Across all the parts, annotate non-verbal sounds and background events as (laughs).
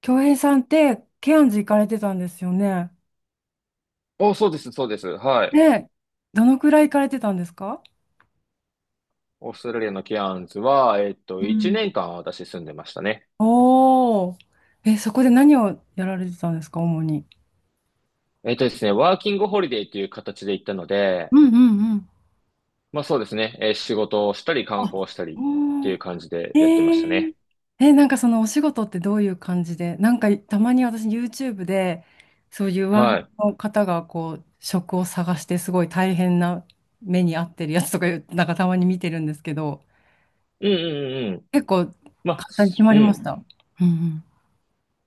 京平さんって、ケアンズ行かれてたんですよね。お、そうです、そうです。はい。で、どのくらい行かれてたんですか？オーストラリアのケアンズは、う1ん、年間私住んでましたね。おー。え、そこで何をやられてたんですか、主に。えっとですね、ワーキングホリデーという形で行ったので、うんうんうん、まあそうですね、仕事をしたり観あ、光をしたりっておいー。う感じでやってましたえ、ね。ええ、なんかそのお仕事ってどういう感じで、なんかたまに私 YouTube で、そういうワーホはリの方がこう、職を探してすごい大変な目に遭ってるやつとかいう、なんかたまに見てるんですけど、い。うんうんうんうん。結構簡まあ、単に決すまうりましん。た。うんうん、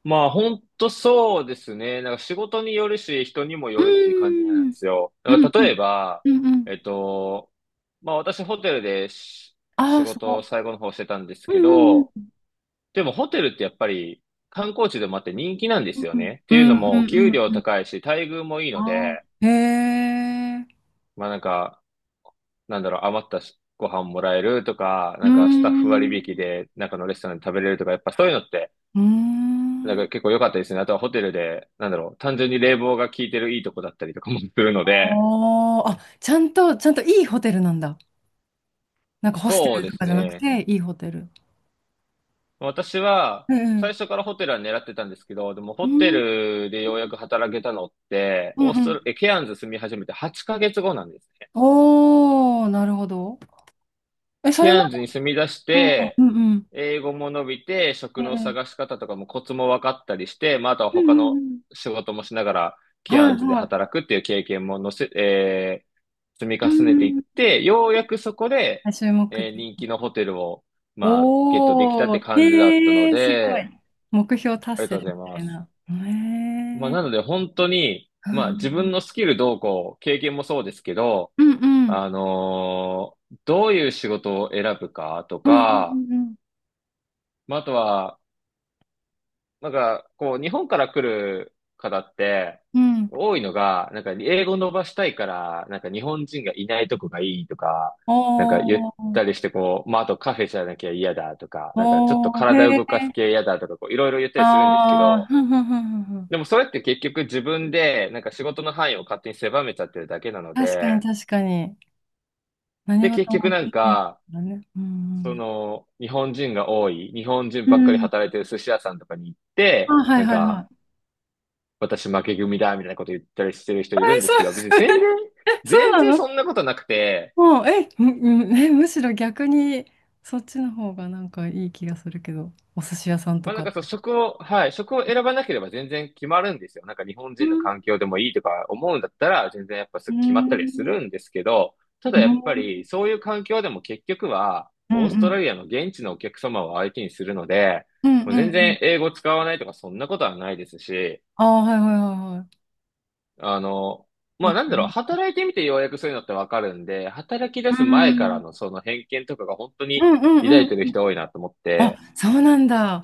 まあ本当そうですね。なんか仕事によるし、人にもうよるっていう感じなーんでん。すよ。うだかんらうん例えば、うんうん。えっと、まあ私ホテルでああ仕ー、す事ごをい。最後の方してたんですうけんど、でもホテルってやっぱり観光地でもあって人気なんでうすんようんね。っうていうのんうんも、うん給うん料うん。高いし、待遇もいいあのあで、ー。へえ。まあなんか、なんだろう、余ったしご飯もらえるとか、うーなんかスタッフ割引ん。で中のレストランで食べれるとか、やっぱそういうのって、うーなんん。か結構良かったですね。あとはホテルで、なんだろう、単純に冷房が効いてるいいとこだったりとかもするのあで、あ。あ、ちゃんと、ちゃんといいホテルなんだ。なんかホステそうルでとすかじゃなくね。て、いいホテル。私は、うんうん。最初からホテルは狙ってたんですけど、でもうホテんルでようやく働けたのって、うオーんうストん。ラ、え、ケアンズ住み始めて8ヶ月後なんですね。おお、なるほど。え、そケれまアンズに住み出しでも、て、うんうん。英語も伸びて、え職のえ。探し方とかもコツも分かったりして、まあ、あとはうん他うんうのん。仕事もしながら、ケはアいンズではい。働くっていう経験ものせ、えー積みう重ねていっんて、ようやくそこうで、ん。注目的。人気のホテルを、まあ、ゲットできたっおてー、感じだったへのえー、すごで、い。目標あ達りが成とうござみいたまいす。な。へえまあ、なー、ので本当に、うまあ、自分んのスキルどうこう、経験もそうですけど、うんうん。どういう仕事を選ぶかとうんか、うんまあ、あとは、なんか、こう、日本から来る方って、うんうん。うん。多いのが、なんか、英語伸ばしたいから、なんか、日本人がいないとこがいいとか、なんか、言おっー、たりして、こう、まあ、あとカフェじゃなきゃ嫌だとか、なんか、ちょっとおー、体へえ、動かす系嫌だとか、こう、いろいろ言ったりするんですけあー、ど、ふんふんふんふんふん。でもそれって結局自分でなんか仕事の範囲を勝手に狭めちゃってるだけなの確かにで、確かに。何で結事局もなん経験か、だね。うそんの日本人が多い、日本人うばっかん。りうん。働いてる寿司屋さんとかに行っあ、て、はいなんはいはかい。私負け組だみたいなこと言ったりしてる人いるえ、んでそすけう、ど、別に全然、(laughs) え、そう全な然その？んなことなくて、もう、え、むむえ、むしろ逆に、そっちの方がなんかいい気がするけど、お寿司屋さんとまあなんか。かそう、職を、はい、職を選ばなければ全然決まるんですよ。なんか日本う人のん、環境でもいいとか思うんだったら、全然やっぱすうぐ決まっん、うたりはすん、るんですけど、たうだやっぱりん、そういう環境でも結局は、うオーストラん、リアの現地のお客様を相手にするので、うん、うもう全然ん。英語使わないとかそんなことはないですし、ああ、はいはいはいはあの、い。まあいなんくらだろう、ね。働いてみてようやくそういうのってわかるんで、働き出うすん、う前からん、のその偏見とかが本当うに抱いん、てるうん。人多いなと思っあ、て、そうなんだ。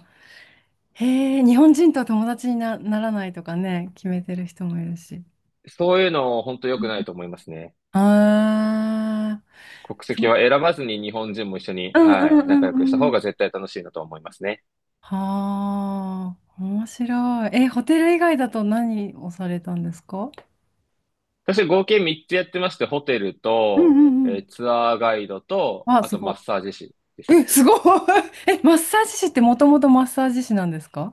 へえ、日本人とは友達にならないとかね、決めてる人もいるし。そういうの本当良くないと思いますね。ああー、国そ籍はう。選ばずに日本人も一緒に、うん、うはい、ん、う仲良くしたん、う方ん。が絶対楽しいなと思いますね。はあ、面白い。え、ホテル以外だと何をされたんですか？私合計3つやってまして、ホテルうん、うと、ん、うん。ツアーガイドと、あ、あすとマごッサージ師でい。すね。っえ、すごい。(laughs) え、マッサージ師ってもともとマッサージ師なんですか？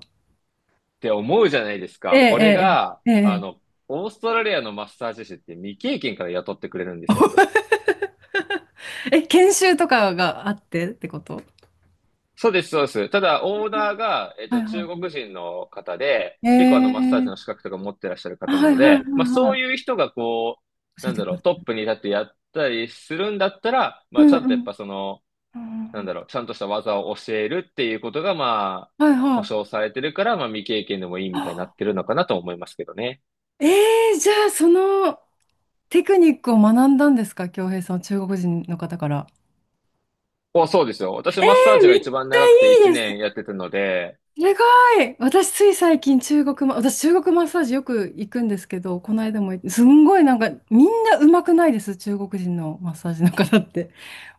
て思うじゃないですえか。これえ、が、ええ、ええ。オーストラリアのマッサージ師って未経験から雇ってくれるんですよ。え、研修とかがあってってこと？そうです、そうです。ただ、オーナーが、はい中は国人の方で、い。え結構マッサージの資え。格とか持ってらっしゃるあ、方なはいのはいはいで、まあ、そうはいう人がこう、い。教えなんてだくろだう、さトッい。プに立ってやったりするんだったら、うまあ、ちんうゃんとやっん。ぱその、うなんん、だろう、ちゃんとした技を教えるっていうことが、まあ、はいは保い。証されてるから、まあ、未経験でもいいみたいになあ、ってるのかなと思いますけどね。ええ、じゃあそのテクニックを学んだんですか京平さん、中国人の方から。お、そうですよ。私、えマッサーえ、ジがめっち一番長くてゃい1いで年す。やってたので、ええかい、私中国マッサージよく行くんですけど、この間もすんごいなんかみんな上手くないです中国人のマッサージの方って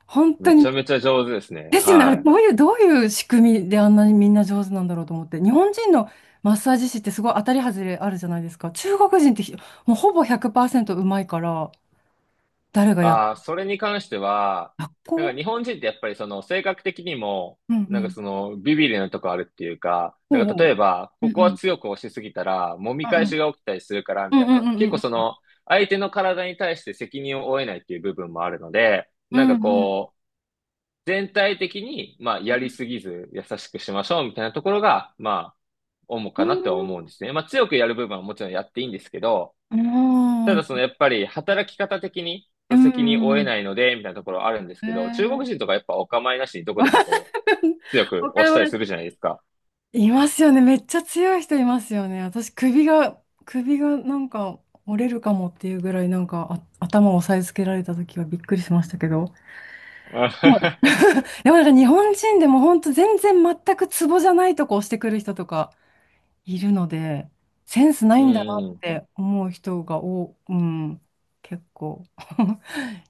本当めに。ちゃめちゃ上手ですね。ですよね。はい。どういうどういう仕組みであんなにみんな上手なんだろうと思って、日本人のマッサージ師ってすごい当たりハズレあるじゃないですか。中国人ってもうほぼ100%上手いから誰がやっ、ああ、それに関しては、学なんか校？日本人ってやっぱりその性格的にも、うんうなんかん。そのビビりなとこあるっていうか、うなんんうか例えん。ば、うこんこはうん。強く押しすぎたら、揉み返しが起きたりするから、うみたんいうんな。うん結うん構そうん。の、相手の体に対して責任を負えないっていう部分もあるので、うなんかんうん。こう、全体的に、まあ、やりすぎず、優しくしましょう、みたいなところが、まあ、主かなって思うんですね。まあ、強くやる部分はもちろんやっていいんですけど、うんたうだそのん。やっぱり働き方的にそうの責任を負えん。ないので、みたいなところあるんですけど、中国え、人とかやっぱお構いなしにどこでもこう、強く他押しは たりす (laughs)、るじゃないですか。いますよね。めっちゃ強い人いますよね。私、首がなんか折れるかもっていうぐらい、なんかあ頭を押さえつけられた時はびっくりしましたけど。はい。 (laughs) でもなんか日本人でも本当全然全くツボじゃないとこ押してくる人とかいるので、センスなういんだなんうっん。て思う人がお、うん、結構 (laughs)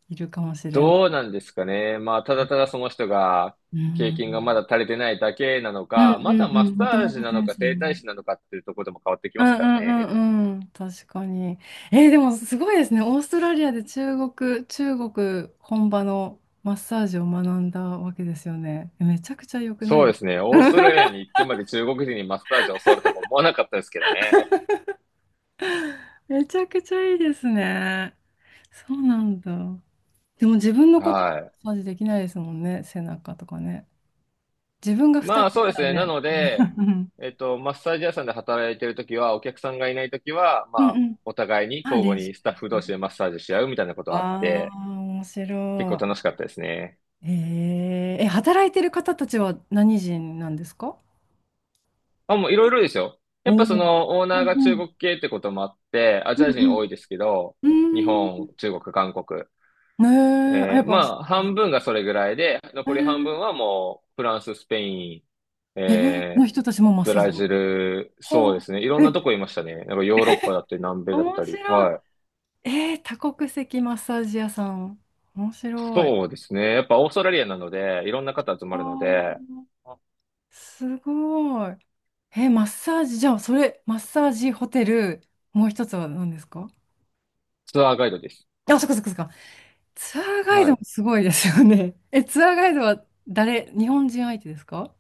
いるかもしれん。どうなんですかね。まあ、ただただその人が、う経験がまだん。足りてないだけなのうんか、まうたんうマん。ッもとサーもジとなセのンかス整な体い。師なのかっていうところでも変わってきうまんすからうね。んうんうん。確かに。えーでもすごいですね。オーストラリアで中国本場のマッサージを学んだわけですよね。めちゃくちゃ良くなそいうでですすね。オーストラか？ リアに行ってまで中国人にマッサージを教わるとか思わなかったですけどね。(laughs) めちゃくちゃいいですね。そうなんだ。でも自分のことははい。マッサージできないですもんね。背中とかね。自分が2ま人あいそうたですらね。なね。ので、(laughs) うんマッサージ屋さんで働いてるときは、お客さんがいないときは、まうんうあ、ん。お互いにあ、交練互習にスタッしフて同みた。士でマッサージし合うみたいなことあっあて、あ、面結構白楽しかったですね。い。えー、え、働いてる方たちは何人なんですか？あ、もういろいろですよ。やっおぱそお。の、オーうナーんがう中ん。国系ってこともあって、アうジんア人う多ん。いですけど、う日ー本、ん。中国、韓国。ねえ、あ、やっぱ、まあ、半分がそれぐらいで、え残り半ー、分はもう、フランス、スペイン、えーえのー人たちもマッブサージラジの。ル、そうではすね。いろあ。んなえ、とこいましたね。なんかヨーロッパだったり、南米だっ面たり。白い。はい。えー、多国籍マッサージ屋さん。面白い。そうですね。やっぱオーストラリアなので、いろんな方集まるのあで、あ、すごい。えーマッサージ、じゃあ、それ、マッサージホテル、もう一つは何ですか？ツアーガイドです。あ、そっかそっかそっか。ツアーガイはドもい。すごいですよね。(laughs) え、ツアーガイドは誰、日本人相手ですか？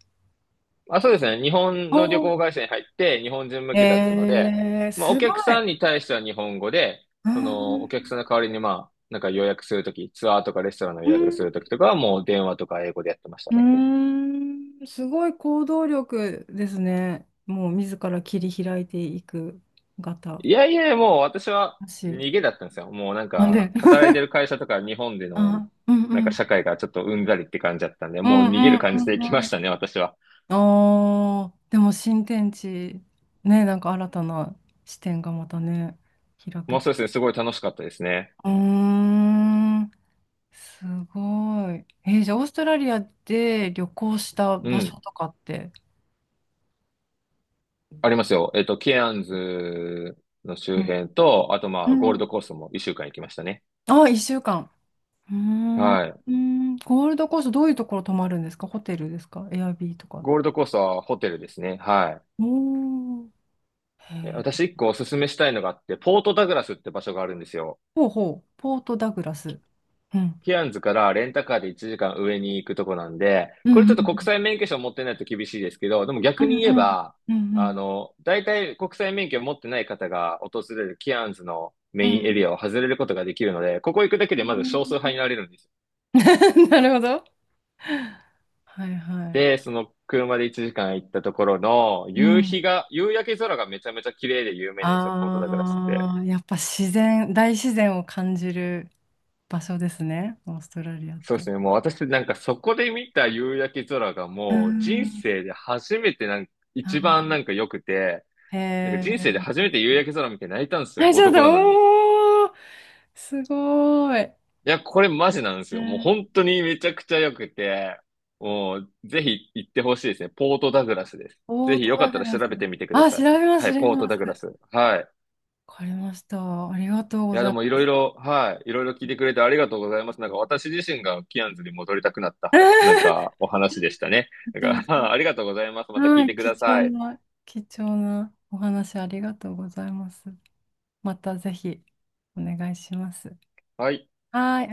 あ、そうですね。日本おの旅ー、行会社に入って、日本人向けだったので、えー、まあ、おすご客い。さんに対しては日本語で、うーその、お客ん、さんの代わりに、まあ、なんか予約するとき、ツアーとかレストランのう予約すん、るときとかは、もう電話とか英語でやってましたうね。ーんすごい行動力ですね。もう自ら切り開いていく方。いやいや、もう私は私。逃げだったんですよ。もうなんなんで、か、(laughs) 働いてる会社とか日本での、あ、うんうなんかん。社会がちょっとうんざりって感じだったんで、うもう逃げんうるん感じでう行きんまうしん。たね、私は。あーでも新天地、ね、なんか新たな視点がまたね、開けもうて。そうですね、すごい楽しかったですね。うーん、すごい。えーじゃあオーストラリアで旅行したう場所ん。とかって。ありますよ。ケアンズのう周ん。辺と、あとまあ、ゴールうん、ドコーストも一週間行きましたね。あ、1週間。うーん、うはい。ーんゴールドコーストどういうところ泊まるんですか？ホテルですか？エアビーとか。ゴールドコーストはホテルですね。はおー。へい。えー、私一個おすすめしたいのがあって、ポートダグラスって場所があるんですよ。ほうほう。ポートダグラス。うん。ケアンズからレンタカーで1時間上に行くとこなんで、うんこれちうょっと国ん際免許証持ってないと厳しいですけど、でもう逆んにう言えんば、うんう大体国際免許を持ってない方が訪れるケアンズのんメうインエん。リアを外れることができるので、ここ行くだけうでまずん、 少数派になれるんですよ。 (laughs) なるほど。はいはい。で、その車で1時間行ったところの、う夕日ん。が、夕焼け空がめちゃめちゃ綺麗で有名なんですよ、ポートダグラスって。ああ、やっぱ自然、大自然を感じる場所ですね。オーストラリアっそうでて。すね、もう私なんかそこで見た夕焼け空がうもう人ん。生で初めてなんか、あ一番なー、んか良くて、へなんか人生でえ。初めて夕焼け空見て泣いたんですはよ、い、ちょっ男なのに。いと、おー、すごーい。や、これマジなんでうすよ。もうん、本当にめちゃくちゃ良くて、もうぜひ行ってほしいですね。ポートダグラスです。オぜーひトよかダったグらラ調ス。べてみてくだあ、さ調い。べます、は調い、べポートます。ダグラス。はい。わかりました。ありがとういごや、ざでいもいまろいす。ろ、はい、いろいろ聞いてくれてありがとうございます。なんか私自身がキアンズに戻りたくなった、なん (laughs) かお話でしたね。めなちゃめんちか (laughs) ありがゃ、とうございます。また聞はいい、てく貴だ重さい。な、貴重なお話ありがとうございます。またぜひお願いします。はい。はい。